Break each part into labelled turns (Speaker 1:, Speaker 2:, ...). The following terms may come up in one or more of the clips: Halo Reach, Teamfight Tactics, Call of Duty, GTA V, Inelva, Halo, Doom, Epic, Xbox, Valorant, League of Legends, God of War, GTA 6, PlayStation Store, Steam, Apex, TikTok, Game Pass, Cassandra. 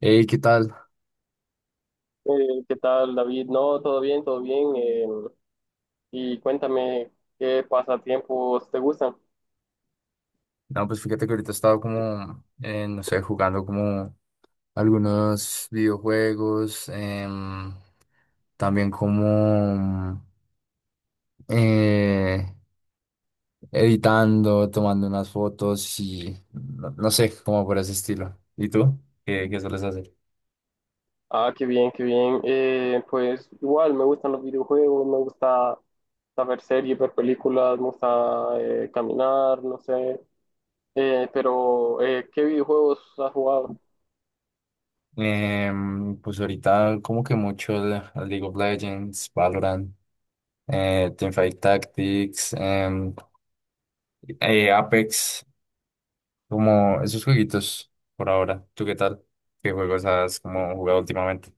Speaker 1: Hey, ¿qué tal?
Speaker 2: ¿Qué tal, David? No, todo bien, todo bien. Y cuéntame qué pasatiempos te gustan.
Speaker 1: No, pues fíjate que ahorita estaba como, no sé, jugando como algunos videojuegos, también como eh, editando, tomando unas fotos y no, no sé, como por ese estilo. ¿Y tú? Qué sueles hacer?
Speaker 2: Ah, qué bien, qué bien. Pues igual me gustan los videojuegos, me gusta saber series, ver películas, me gusta caminar, no sé. Pero, ¿qué videojuegos has jugado?
Speaker 1: Pues ahorita como que League of Legends, Valorant, Teamfight Tactics, Apex. Como esos jueguitos por ahora. ¿Tú qué tal? ¿Qué juegos has como jugado últimamente?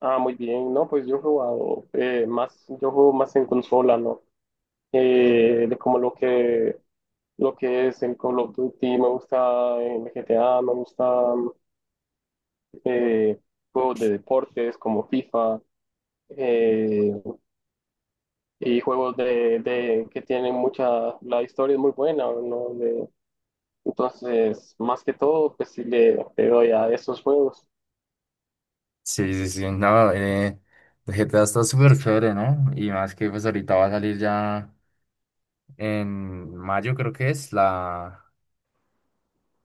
Speaker 2: Ah, muy bien. No, pues yo he jugado, más, yo juego más en consola, ¿no? De como lo que es en Call of Duty, me gusta en GTA, me gusta eh, juegos de deportes como FIFA, eh, y juegos que tienen mucha, la historia es muy buena, ¿no? Entonces, más que todo, pues sí le doy a esos juegos.
Speaker 1: Sí, sí, sí. No, el GTA está súper chévere, ¿no? Y más que pues ahorita va a salir ya en mayo, creo que es, la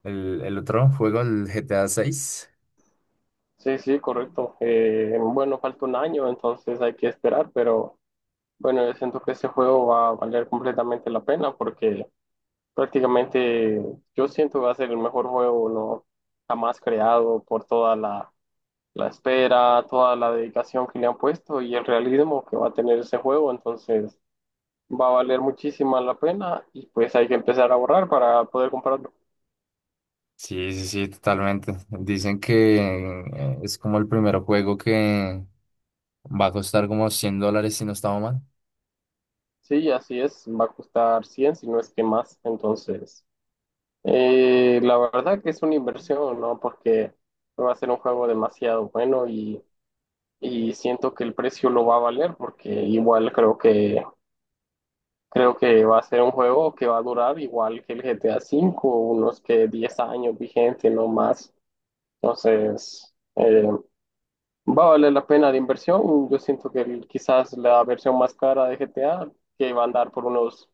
Speaker 1: el otro juego, el GTA seis.
Speaker 2: Sí, sí, correcto. Bueno, falta un año, entonces hay que esperar, pero bueno, yo siento que ese juego va a valer completamente la pena porque... Prácticamente yo siento que va a ser el mejor juego no jamás creado por toda la espera, toda la dedicación que le han puesto y el realismo que va a tener ese juego. Entonces va a valer muchísima la pena y pues hay que empezar a ahorrar para poder comprarlo.
Speaker 1: Sí, sí, sí, totalmente. Dicen que es como el primer juego que va a costar como $100 si no estaba mal.
Speaker 2: Sí, así es, va a costar 100 si no es que más. Entonces, la verdad que es una inversión, ¿no? Porque va a ser un juego demasiado bueno y siento que el precio lo va a valer porque igual creo que va a ser un juego que va a durar igual que el GTA V, unos que 10 años vigente, no más. Entonces, va a valer la pena la inversión. Yo siento que quizás la versión más cara de GTA, que va a andar por unos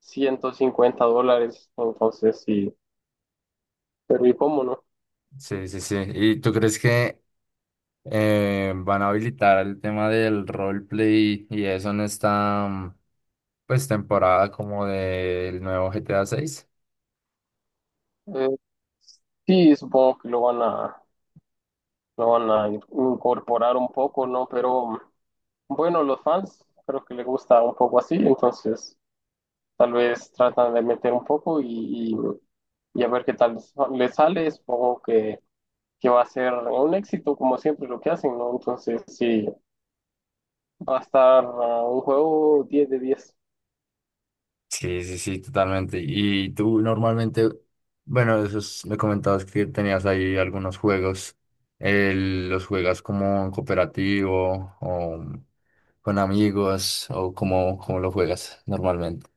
Speaker 2: $150. Entonces, sí, pero ¿y cómo no?
Speaker 1: Sí, sí, sí. ¿Y tú crees que van a habilitar el tema del roleplay y eso en esta pues temporada como del nuevo GTA 6?
Speaker 2: Eh, sí, supongo que lo van a incorporar un poco, ¿no? Pero bueno, los fans creo que les gusta un poco así, entonces. Tal vez tratan de meter un poco y a ver qué tal les sale. Supongo que va a ser un éxito, como siempre lo que hacen, ¿no? Entonces, sí, va a estar, un juego 10/10.
Speaker 1: Sí, sí, sí, totalmente. Y tú normalmente, bueno, esos me comentabas que tenías ahí algunos juegos. ¿Los juegas como en cooperativo o con amigos o cómo lo juegas normalmente?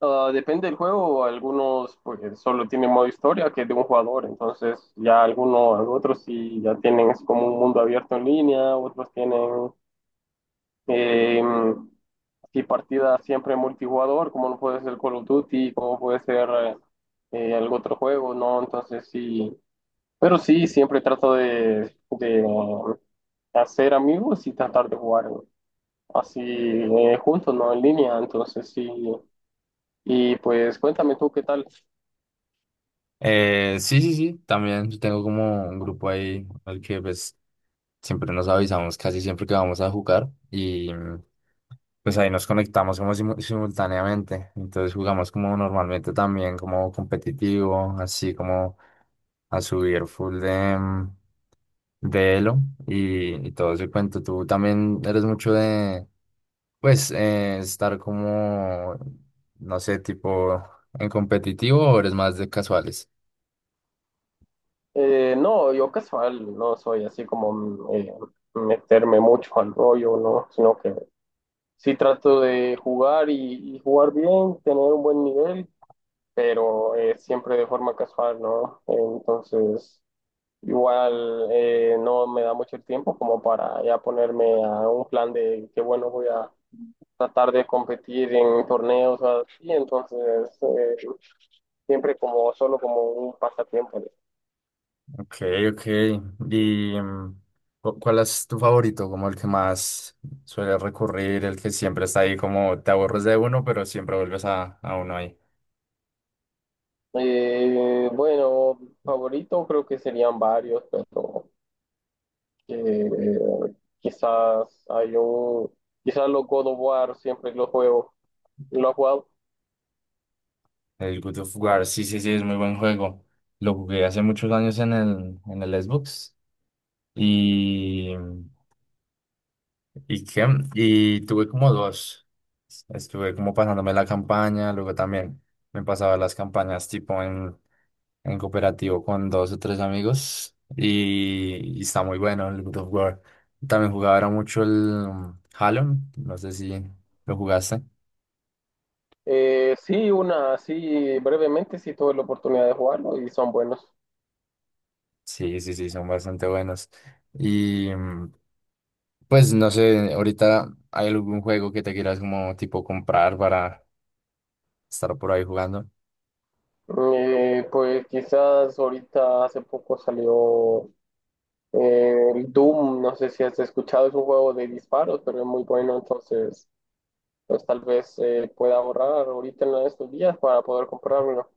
Speaker 2: Ah, depende del juego, algunos pues solo tienen modo historia que es de un jugador, entonces ya algunos, otros sí ya tienen es como un mundo abierto en línea, otros tienen. Eh, y partidas siempre multijugador, como no puede ser Call of Duty, como puede ser algún otro juego, ¿no? Entonces sí, pero sí, siempre trato de hacer amigos y tratar de jugar así, juntos, ¿no? En línea, entonces sí. Y pues cuéntame tú qué tal.
Speaker 1: Sí, sí, sí, también yo tengo como un grupo ahí al que pues siempre nos avisamos casi siempre que vamos a jugar y pues ahí nos conectamos como simultáneamente, entonces jugamos como normalmente también como competitivo, así como a subir full de elo y todo ese cuento. Tú también eres mucho de pues estar como, no sé, tipo en competitivo o eres más de casuales.
Speaker 2: No, yo casual, no soy así como meterme mucho al rollo, ¿no? Sino que Sí trato de jugar y jugar bien, tener un buen nivel, pero siempre de forma casual, ¿no? Entonces, igual, no me da mucho el tiempo como para ya ponerme a un plan de que, bueno, voy a tratar de competir en torneos o así, entonces, eh, siempre como solo como un pasatiempo, ¿no?
Speaker 1: Ok, ok. ¿Y cuál es tu favorito? Como el que más suele recurrir, el que siempre está ahí, como te aburres de uno, pero siempre vuelves a uno ahí.
Speaker 2: Bueno, favorito creo que serían varios, pero... que quizás hay un, quizás los God of War siempre que los juego, los has jugado.
Speaker 1: El Good of War, sí, sí, sí, es muy buen juego. Lo jugué hace muchos años en en el Xbox. Y, ¿y qué? Y tuve como dos. Estuve como pasándome la campaña, luego también me pasaba las campañas tipo en cooperativo con dos o tres amigos y está muy bueno el God of War. También jugaba ahora mucho el Halo, no sé si lo jugaste.
Speaker 2: Sí, una, sí, brevemente sí tuve la oportunidad de jugarlo y son buenos.
Speaker 1: Sí, sí, sí, son bastante buenos. Y pues no sé, ahorita hay algún juego que te quieras como tipo comprar para estar por ahí jugando.
Speaker 2: Pues quizás ahorita hace poco salió, el Doom, no sé si has escuchado, es un juego de disparos, pero es muy bueno, entonces pues tal vez pueda ahorrar ahorita en estos días para poder comprarlo.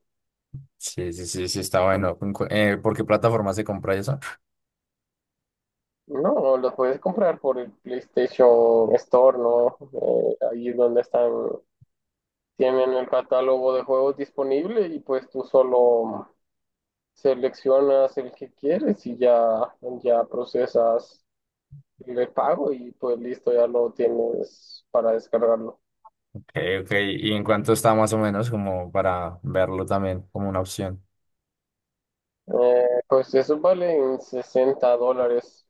Speaker 1: Sí, sí, sí, sí, está bueno. ¿En por qué plataforma se compra eso?
Speaker 2: No, los puedes comprar por el PlayStation Store, ¿no? Ahí es donde están, tienen el catálogo de juegos disponible y pues tú solo seleccionas el que quieres y ya procesas el pago y pues listo, ya lo tienes para descargarlo.
Speaker 1: Ok, ok. ¿Y en cuánto está más o menos como para verlo también como una opción?
Speaker 2: Pues eso vale en $60.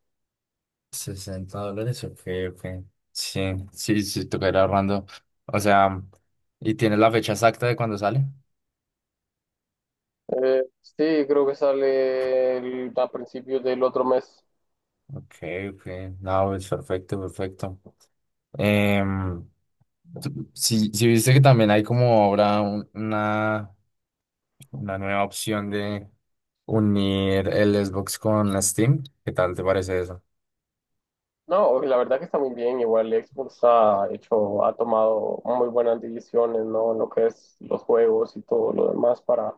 Speaker 1: $60, ok, ok. Sí, sí, sí, toca ir ahorrando. O sea, ¿y tienes la fecha exacta de cuándo sale?
Speaker 2: Sí, creo que sale a principios del otro mes.
Speaker 1: Ok, ok. No, es perfecto, perfecto. Em, si viste que también hay como ahora una nueva opción de unir el Xbox con Steam, ¿qué tal te parece eso?
Speaker 2: No, la verdad que está muy bien. Igual Xbox ha tomado muy buenas decisiones, ¿no? En lo que es los juegos y todo lo demás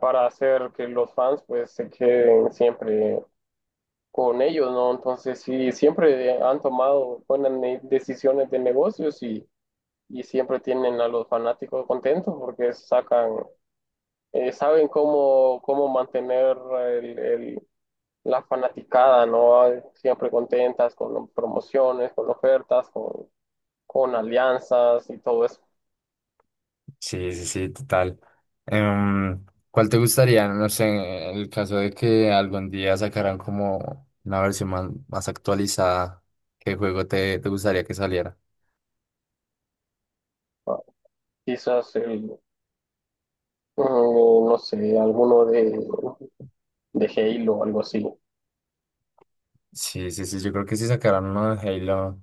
Speaker 2: para hacer que los fans pues se queden siempre con ellos, ¿no? Entonces sí, siempre han tomado buenas decisiones de negocios y siempre tienen a los fanáticos contentos porque sacan, saben cómo mantener la fanaticada, ¿no? Siempre contentas con promociones, con ofertas, con alianzas y todo eso.
Speaker 1: Sí, sí, sí, total. Em, ¿cuál te gustaría? No sé, en el caso de que algún día sacaran como una versión más actualizada, ¿qué juego te gustaría que saliera?
Speaker 2: Ah, Quizás el, no sé, alguno de Halo o algo así.
Speaker 1: Sí, sí, sí, yo creo que sí sacaran uno de Halo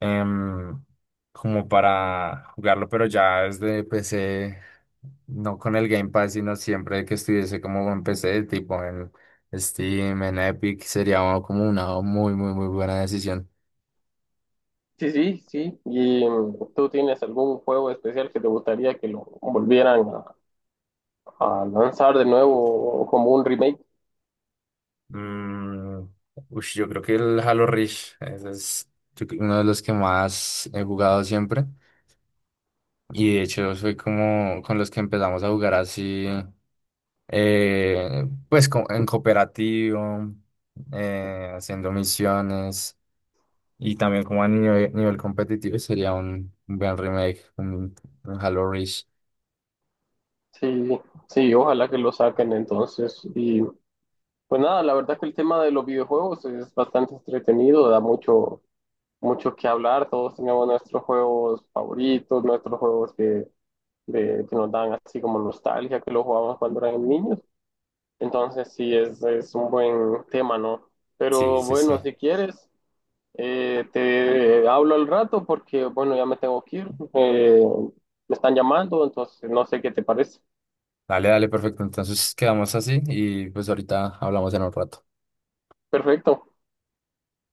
Speaker 1: em, como para jugarlo, pero ya desde PC, no con el Game Pass, sino siempre que estuviese como en PC, tipo en Steam, en Epic, sería como una muy, muy, muy buena decisión.
Speaker 2: Sí, sí, sí. ¿Y tú tienes algún juego especial que te gustaría que lo volvieran a lanzar de nuevo como un remake?
Speaker 1: Mm, ush, yo creo que el Halo Reach, ese es yo creo, uno de los que más he jugado siempre. Y de hecho soy como con los que empezamos a jugar así, pues en cooperativo, haciendo misiones y también como a nivel, nivel competitivo sería un buen remake, un Halo Reach.
Speaker 2: Sí, sí, ojalá que lo saquen entonces. Y pues nada, la verdad que el tema de los videojuegos es bastante entretenido, da mucho que hablar, todos teníamos nuestros juegos favoritos, nuestros juegos que nos dan así como nostalgia, que los jugábamos cuando éramos niños. Entonces sí, es un buen tema, ¿no?
Speaker 1: Sí,
Speaker 2: Pero
Speaker 1: sí, sí.
Speaker 2: bueno, si quieres, te hablo al rato porque, bueno, ya me tengo que ir. Me están llamando, entonces no sé qué te parece.
Speaker 1: Dale, dale, perfecto. Entonces quedamos así y pues ahorita hablamos en un rato.
Speaker 2: Perfecto.